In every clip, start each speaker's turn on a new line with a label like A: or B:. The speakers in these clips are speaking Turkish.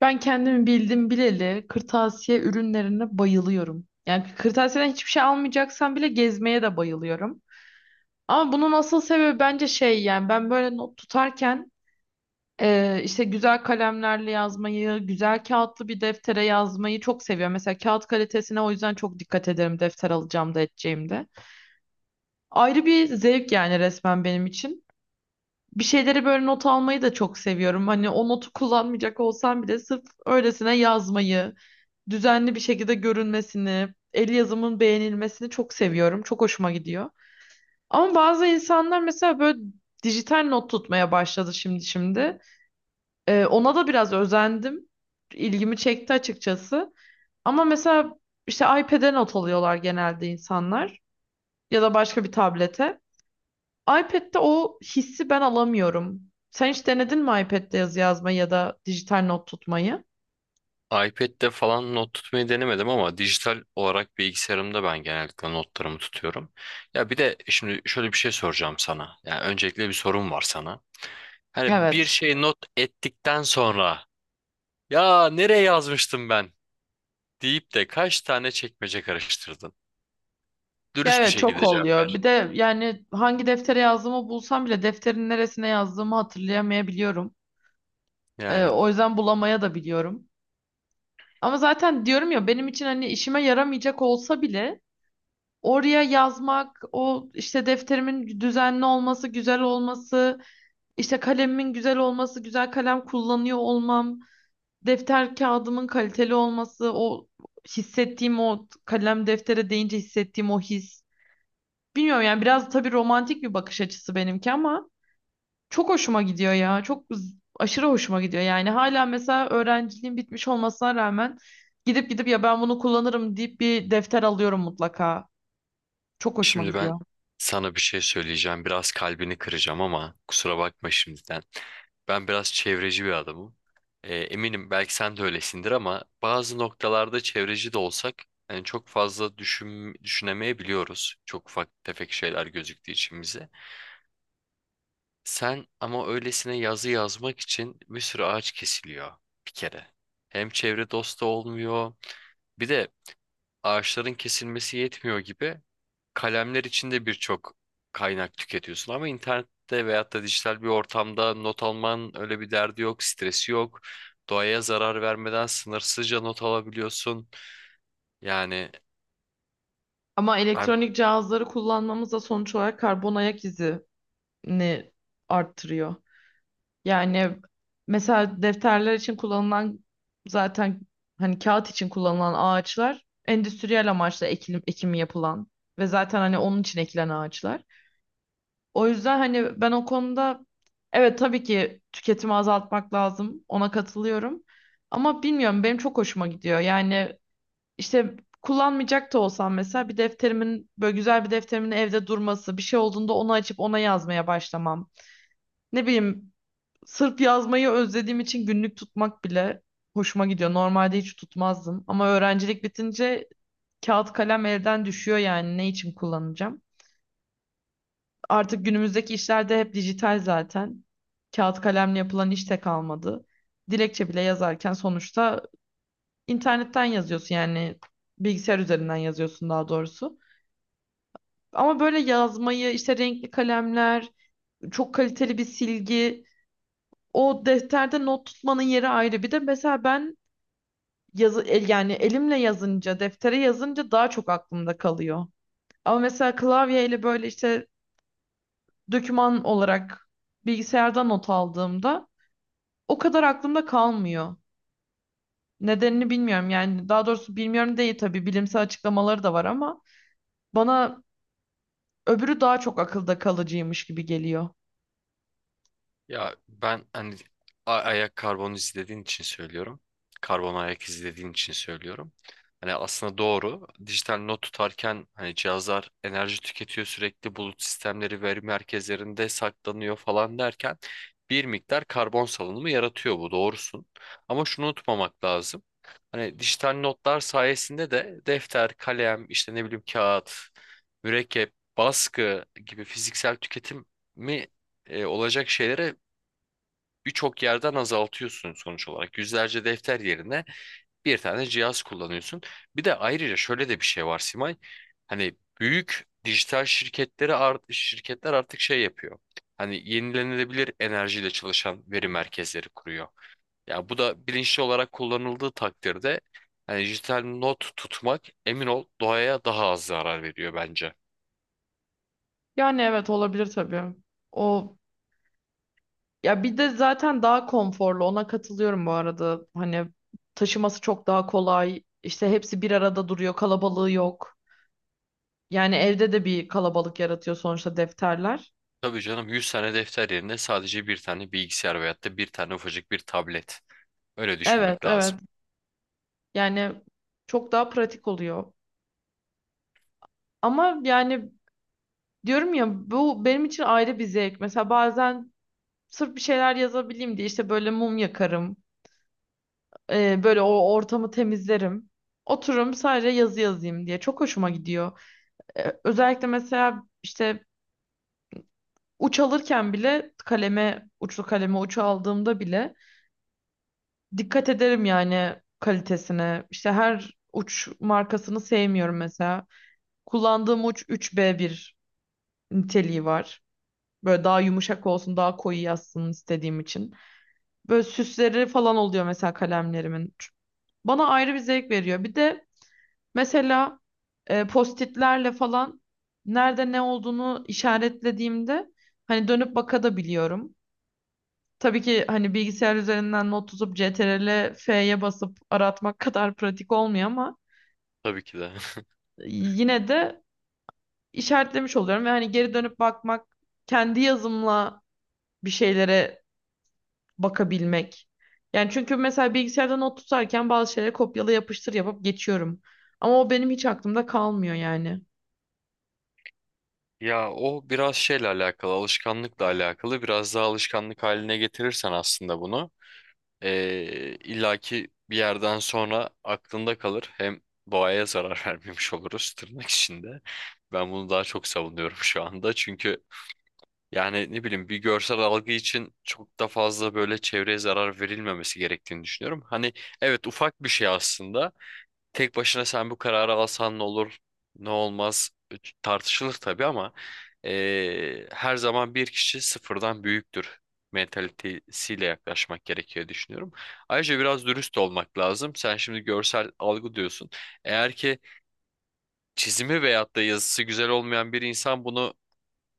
A: Ben kendimi bildim bileli kırtasiye ürünlerine bayılıyorum. Yani kırtasiyeden hiçbir şey almayacaksam bile gezmeye de bayılıyorum. Ama bunun asıl sebebi bence şey, yani ben böyle not tutarken işte güzel kalemlerle yazmayı, güzel kağıtlı bir deftere yazmayı çok seviyorum. Mesela kağıt kalitesine o yüzden çok dikkat ederim defter alacağımda da. Ayrı bir zevk yani resmen benim için. Bir şeyleri böyle not almayı da çok seviyorum. Hani o notu kullanmayacak olsam bile sırf öylesine yazmayı, düzenli bir şekilde görünmesini, el yazımın beğenilmesini çok seviyorum. Çok hoşuma gidiyor. Ama bazı insanlar mesela böyle dijital not tutmaya başladı şimdi şimdi. Ona da biraz özendim. İlgimi çekti açıkçası. Ama mesela işte iPad'e not alıyorlar genelde insanlar, ya da başka bir tablete. iPad'de o hissi ben alamıyorum. Sen hiç denedin mi iPad'de yazı yazmayı ya da dijital not tutmayı?
B: iPad'de falan not tutmayı denemedim ama dijital olarak bilgisayarımda ben genellikle notlarımı tutuyorum. Ya bir de şimdi şöyle bir şey soracağım sana. Yani öncelikle bir sorum var sana. Hani bir
A: Evet.
B: şey not ettikten sonra ya nereye yazmıştım ben deyip de kaç tane çekmece karıştırdın?
A: Ya
B: Dürüst bir
A: evet, çok
B: şekilde cevap
A: oluyor.
B: ver.
A: Bir de yani hangi deftere yazdığımı bulsam bile defterin neresine yazdığımı hatırlayamayabiliyorum.
B: Yani
A: O yüzden bulamaya da biliyorum. Ama zaten diyorum ya, benim için hani işime yaramayacak olsa bile oraya yazmak, o işte defterimin düzenli olması, güzel olması, işte kalemimin güzel olması, güzel kalem kullanıyor olmam, defter kağıdımın kaliteli olması, o hissettiğim, o kalem deftere değince hissettiğim o his. Bilmiyorum yani, biraz tabii romantik bir bakış açısı benimki, ama çok hoşuma gidiyor ya. Çok aşırı hoşuma gidiyor. Yani hala mesela öğrenciliğim bitmiş olmasına rağmen gidip gidip ya ben bunu kullanırım deyip bir defter alıyorum mutlaka. Çok hoşuma
B: şimdi ben
A: gidiyor.
B: sana bir şey söyleyeceğim. Biraz kalbini kıracağım ama kusura bakma şimdiden. Ben biraz çevreci bir adamım. Eminim belki sen de öylesindir ama bazı noktalarda çevreci de olsak yani çok fazla düşünemeyebiliyoruz. Çok ufak tefek şeyler gözüktüğü için bize. Sen ama öylesine yazı yazmak için bir sürü ağaç kesiliyor bir kere. Hem çevre dostu olmuyor bir de ağaçların kesilmesi yetmiyor gibi kalemler içinde birçok kaynak tüketiyorsun ama internette veyahut da dijital bir ortamda not alman öyle bir derdi yok, stresi yok. Doğaya zarar vermeden sınırsızca not alabiliyorsun. Yani
A: Ama
B: hem
A: elektronik cihazları kullanmamız da sonuç olarak karbon ayak izini arttırıyor. Yani mesela defterler için kullanılan, zaten hani kağıt için kullanılan ağaçlar endüstriyel amaçla ekimi yapılan ve zaten hani onun için ekilen ağaçlar. O yüzden hani ben o konuda, evet tabii ki tüketimi azaltmak lazım. Ona katılıyorum. Ama bilmiyorum, benim çok hoşuma gidiyor. Yani işte kullanmayacak da olsam mesela bir defterimin, böyle güzel bir defterimin evde durması, bir şey olduğunda onu açıp ona yazmaya başlamam. Ne bileyim. Sırf yazmayı özlediğim için günlük tutmak bile hoşuma gidiyor. Normalde hiç tutmazdım, ama öğrencilik bitince kağıt kalem elden düşüyor, yani ne için kullanacağım? Artık günümüzdeki işlerde hep dijital zaten. Kağıt kalemle yapılan iş de kalmadı. Dilekçe bile yazarken sonuçta internetten yazıyorsun, yani bilgisayar üzerinden yazıyorsun daha doğrusu. Ama böyle yazmayı, işte renkli kalemler, çok kaliteli bir silgi, o defterde not tutmanın yeri ayrı. Bir de mesela ben yani elimle yazınca, deftere yazınca daha çok aklımda kalıyor. Ama mesela klavyeyle böyle işte doküman olarak bilgisayarda not aldığımda o kadar aklımda kalmıyor. Nedenini bilmiyorum, yani daha doğrusu bilmiyorum değil, tabii bilimsel açıklamaları da var, ama bana öbürü daha çok akılda kalıcıymış gibi geliyor.
B: ya ben hani ayak karbonu izlediğin için söylüyorum. Karbon ayak izlediğin için söylüyorum. Hani aslında doğru. Dijital not tutarken hani cihazlar enerji tüketiyor, sürekli bulut sistemleri veri merkezlerinde saklanıyor falan derken bir miktar karbon salınımı yaratıyor, bu doğrusun. Ama şunu unutmamak lazım. Hani dijital notlar sayesinde de defter, kalem, işte ne bileyim kağıt, mürekkep, baskı gibi fiziksel tüketim mi olacak şeylere birçok yerden azaltıyorsun sonuç olarak. Yüzlerce defter yerine bir tane cihaz kullanıyorsun. Bir de ayrıca şöyle de bir şey var Simay. Hani büyük dijital şirketler artık şey yapıyor. Hani yenilenebilir enerjiyle çalışan veri merkezleri kuruyor. Ya bu da bilinçli olarak kullanıldığı takdirde hani dijital not tutmak, emin ol, doğaya daha az zarar veriyor bence.
A: Yani evet, olabilir tabii. O Ya bir de zaten daha konforlu, ona katılıyorum bu arada. Hani taşıması çok daha kolay. İşte hepsi bir arada duruyor, kalabalığı yok. Yani evde de bir kalabalık yaratıyor sonuçta defterler.
B: Tabii canım, yüz tane defter yerine sadece bir tane bilgisayar veyahut da bir tane ufacık bir tablet. Öyle
A: Evet,
B: düşünmek lazım.
A: evet. Yani çok daha pratik oluyor. Ama yani, diyorum ya, bu benim için ayrı bir zevk. Mesela bazen sırf bir şeyler yazabileyim diye işte böyle mum yakarım. Böyle o ortamı temizlerim. Otururum sadece yazı yazayım diye. Çok hoşuma gidiyor. Özellikle mesela işte uç alırken bile kaleme, uçlu kaleme uç aldığımda bile dikkat ederim yani kalitesine. İşte her uç markasını sevmiyorum mesela. Kullandığım uç 3 b bir niteliği var. Böyle daha yumuşak olsun, daha koyu yazsın istediğim için. Böyle süsleri falan oluyor mesela kalemlerimin. Bana ayrı bir zevk veriyor. Bir de mesela postitlerle falan nerede ne olduğunu işaretlediğimde hani dönüp bakabiliyorum. Tabii ki hani bilgisayar üzerinden not tutup CTRL F'ye basıp aratmak kadar pratik olmuyor ama
B: Tabii ki de.
A: yine de işaretlemiş oluyorum ve hani geri dönüp bakmak, kendi yazımla bir şeylere bakabilmek. Yani çünkü mesela bilgisayarda not tutarken bazı şeyleri kopyala yapıştır yapıp geçiyorum. Ama o benim hiç aklımda kalmıyor yani.
B: Ya o biraz şeyle alakalı, alışkanlıkla alakalı. Biraz daha alışkanlık haline getirirsen aslında bunu, illaki bir yerden sonra aklında kalır. Hem doğaya zarar vermemiş oluruz tırnak içinde. Ben bunu daha çok savunuyorum şu anda. Çünkü yani ne bileyim bir görsel algı için çok da fazla böyle çevreye zarar verilmemesi gerektiğini düşünüyorum. Hani evet, ufak bir şey aslında. Tek başına sen bu kararı alsan ne olur, ne olmaz tartışılır tabii ama her zaman bir kişi sıfırdan büyüktür mentalitesiyle yaklaşmak gerekiyor düşünüyorum. Ayrıca biraz dürüst olmak lazım. Sen şimdi görsel algı diyorsun. Eğer ki çizimi veyahut da yazısı güzel olmayan bir insan bunu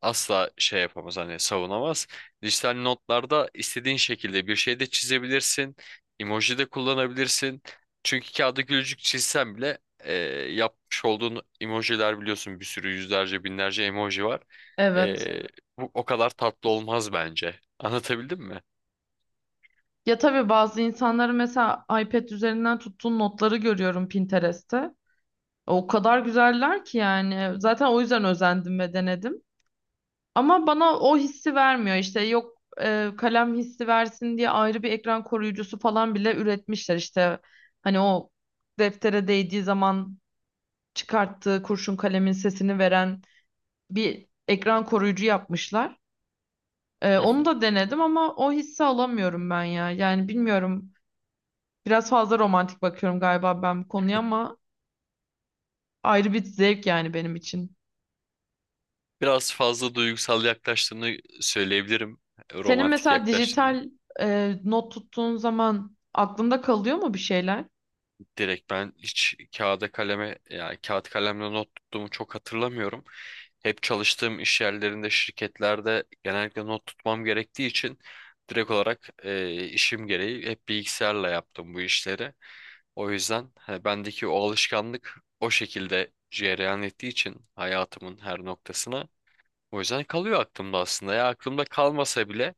B: asla şey yapamaz, hani savunamaz. Dijital notlarda istediğin şekilde bir şey de çizebilirsin. Emoji de kullanabilirsin. Çünkü kağıda gülücük çizsen bile yapmış olduğun emojiler, biliyorsun, bir sürü yüzlerce binlerce emoji var.
A: Evet.
B: E, bu o kadar tatlı olmaz bence. Anlatabildim mi?
A: Ya tabii, bazı insanları mesela iPad üzerinden tuttuğun notları görüyorum Pinterest'te. O kadar güzeller ki yani. Zaten o yüzden özendim ve denedim. Ama bana o hissi vermiyor. İşte yok, kalem hissi versin diye ayrı bir ekran koruyucusu falan bile üretmişler. İşte hani o deftere değdiği zaman çıkarttığı kurşun kalemin sesini veren bir ekran koruyucu yapmışlar.
B: Hı hı.
A: Onu da denedim, ama o hissi alamıyorum ben ya. Yani bilmiyorum. Biraz fazla romantik bakıyorum galiba ben bu konuya, ama ayrı bir zevk yani benim için.
B: Biraz fazla duygusal yaklaştığını söyleyebilirim.
A: Senin
B: Romantik
A: mesela
B: yaklaştığını.
A: dijital not tuttuğun zaman aklında kalıyor mu bir şeyler?
B: Direkt ben hiç kağıda kaleme yani kağıt kalemle not tuttuğumu çok hatırlamıyorum. Hep çalıştığım iş yerlerinde, şirketlerde genellikle not tutmam gerektiği için direkt olarak işim gereği hep bilgisayarla yaptım bu işleri. O yüzden hani bendeki o alışkanlık o şekilde cereyan ettiği için hayatımın her noktasına o yüzden kalıyor aklımda aslında. Ya aklımda kalmasa bile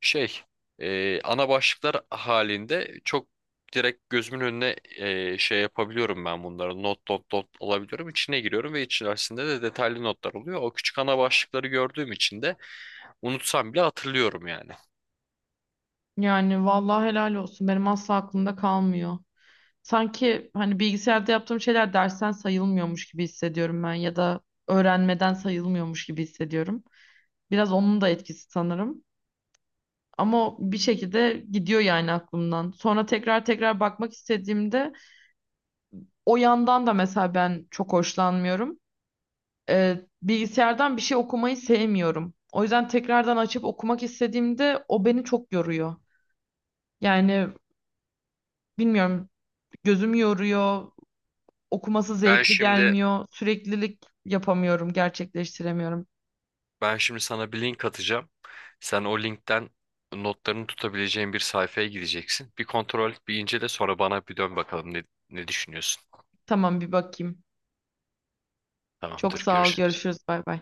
B: şey ana başlıklar halinde çok direkt gözümün önüne şey yapabiliyorum ben bunları. Not not not alabiliyorum. İçine giriyorum ve içerisinde de detaylı notlar oluyor. O küçük ana başlıkları gördüğüm için de unutsam bile hatırlıyorum yani.
A: Yani vallahi helal olsun, benim asla aklımda kalmıyor. Sanki hani bilgisayarda yaptığım şeyler dersten sayılmıyormuş gibi hissediyorum ben, ya da öğrenmeden sayılmıyormuş gibi hissediyorum. Biraz onun da etkisi sanırım. Ama o bir şekilde gidiyor yani aklımdan. Sonra tekrar tekrar bakmak istediğimde. O yandan da mesela ben çok hoşlanmıyorum. Bilgisayardan bir şey okumayı sevmiyorum. O yüzden tekrardan açıp okumak istediğimde o beni çok yoruyor. Yani bilmiyorum, gözüm yoruyor, okuması
B: Ben
A: zevkli
B: şimdi
A: gelmiyor, süreklilik yapamıyorum, gerçekleştiremiyorum.
B: Ben şimdi sana bir link atacağım. Sen o linkten notlarını tutabileceğin bir sayfaya gideceksin. Bir kontrol et, bir incele, sonra bana bir dön bakalım ne düşünüyorsun.
A: Tamam, bir bakayım. Çok
B: Tamamdır,
A: sağ ol,
B: görüşürüz.
A: görüşürüz, bay bay.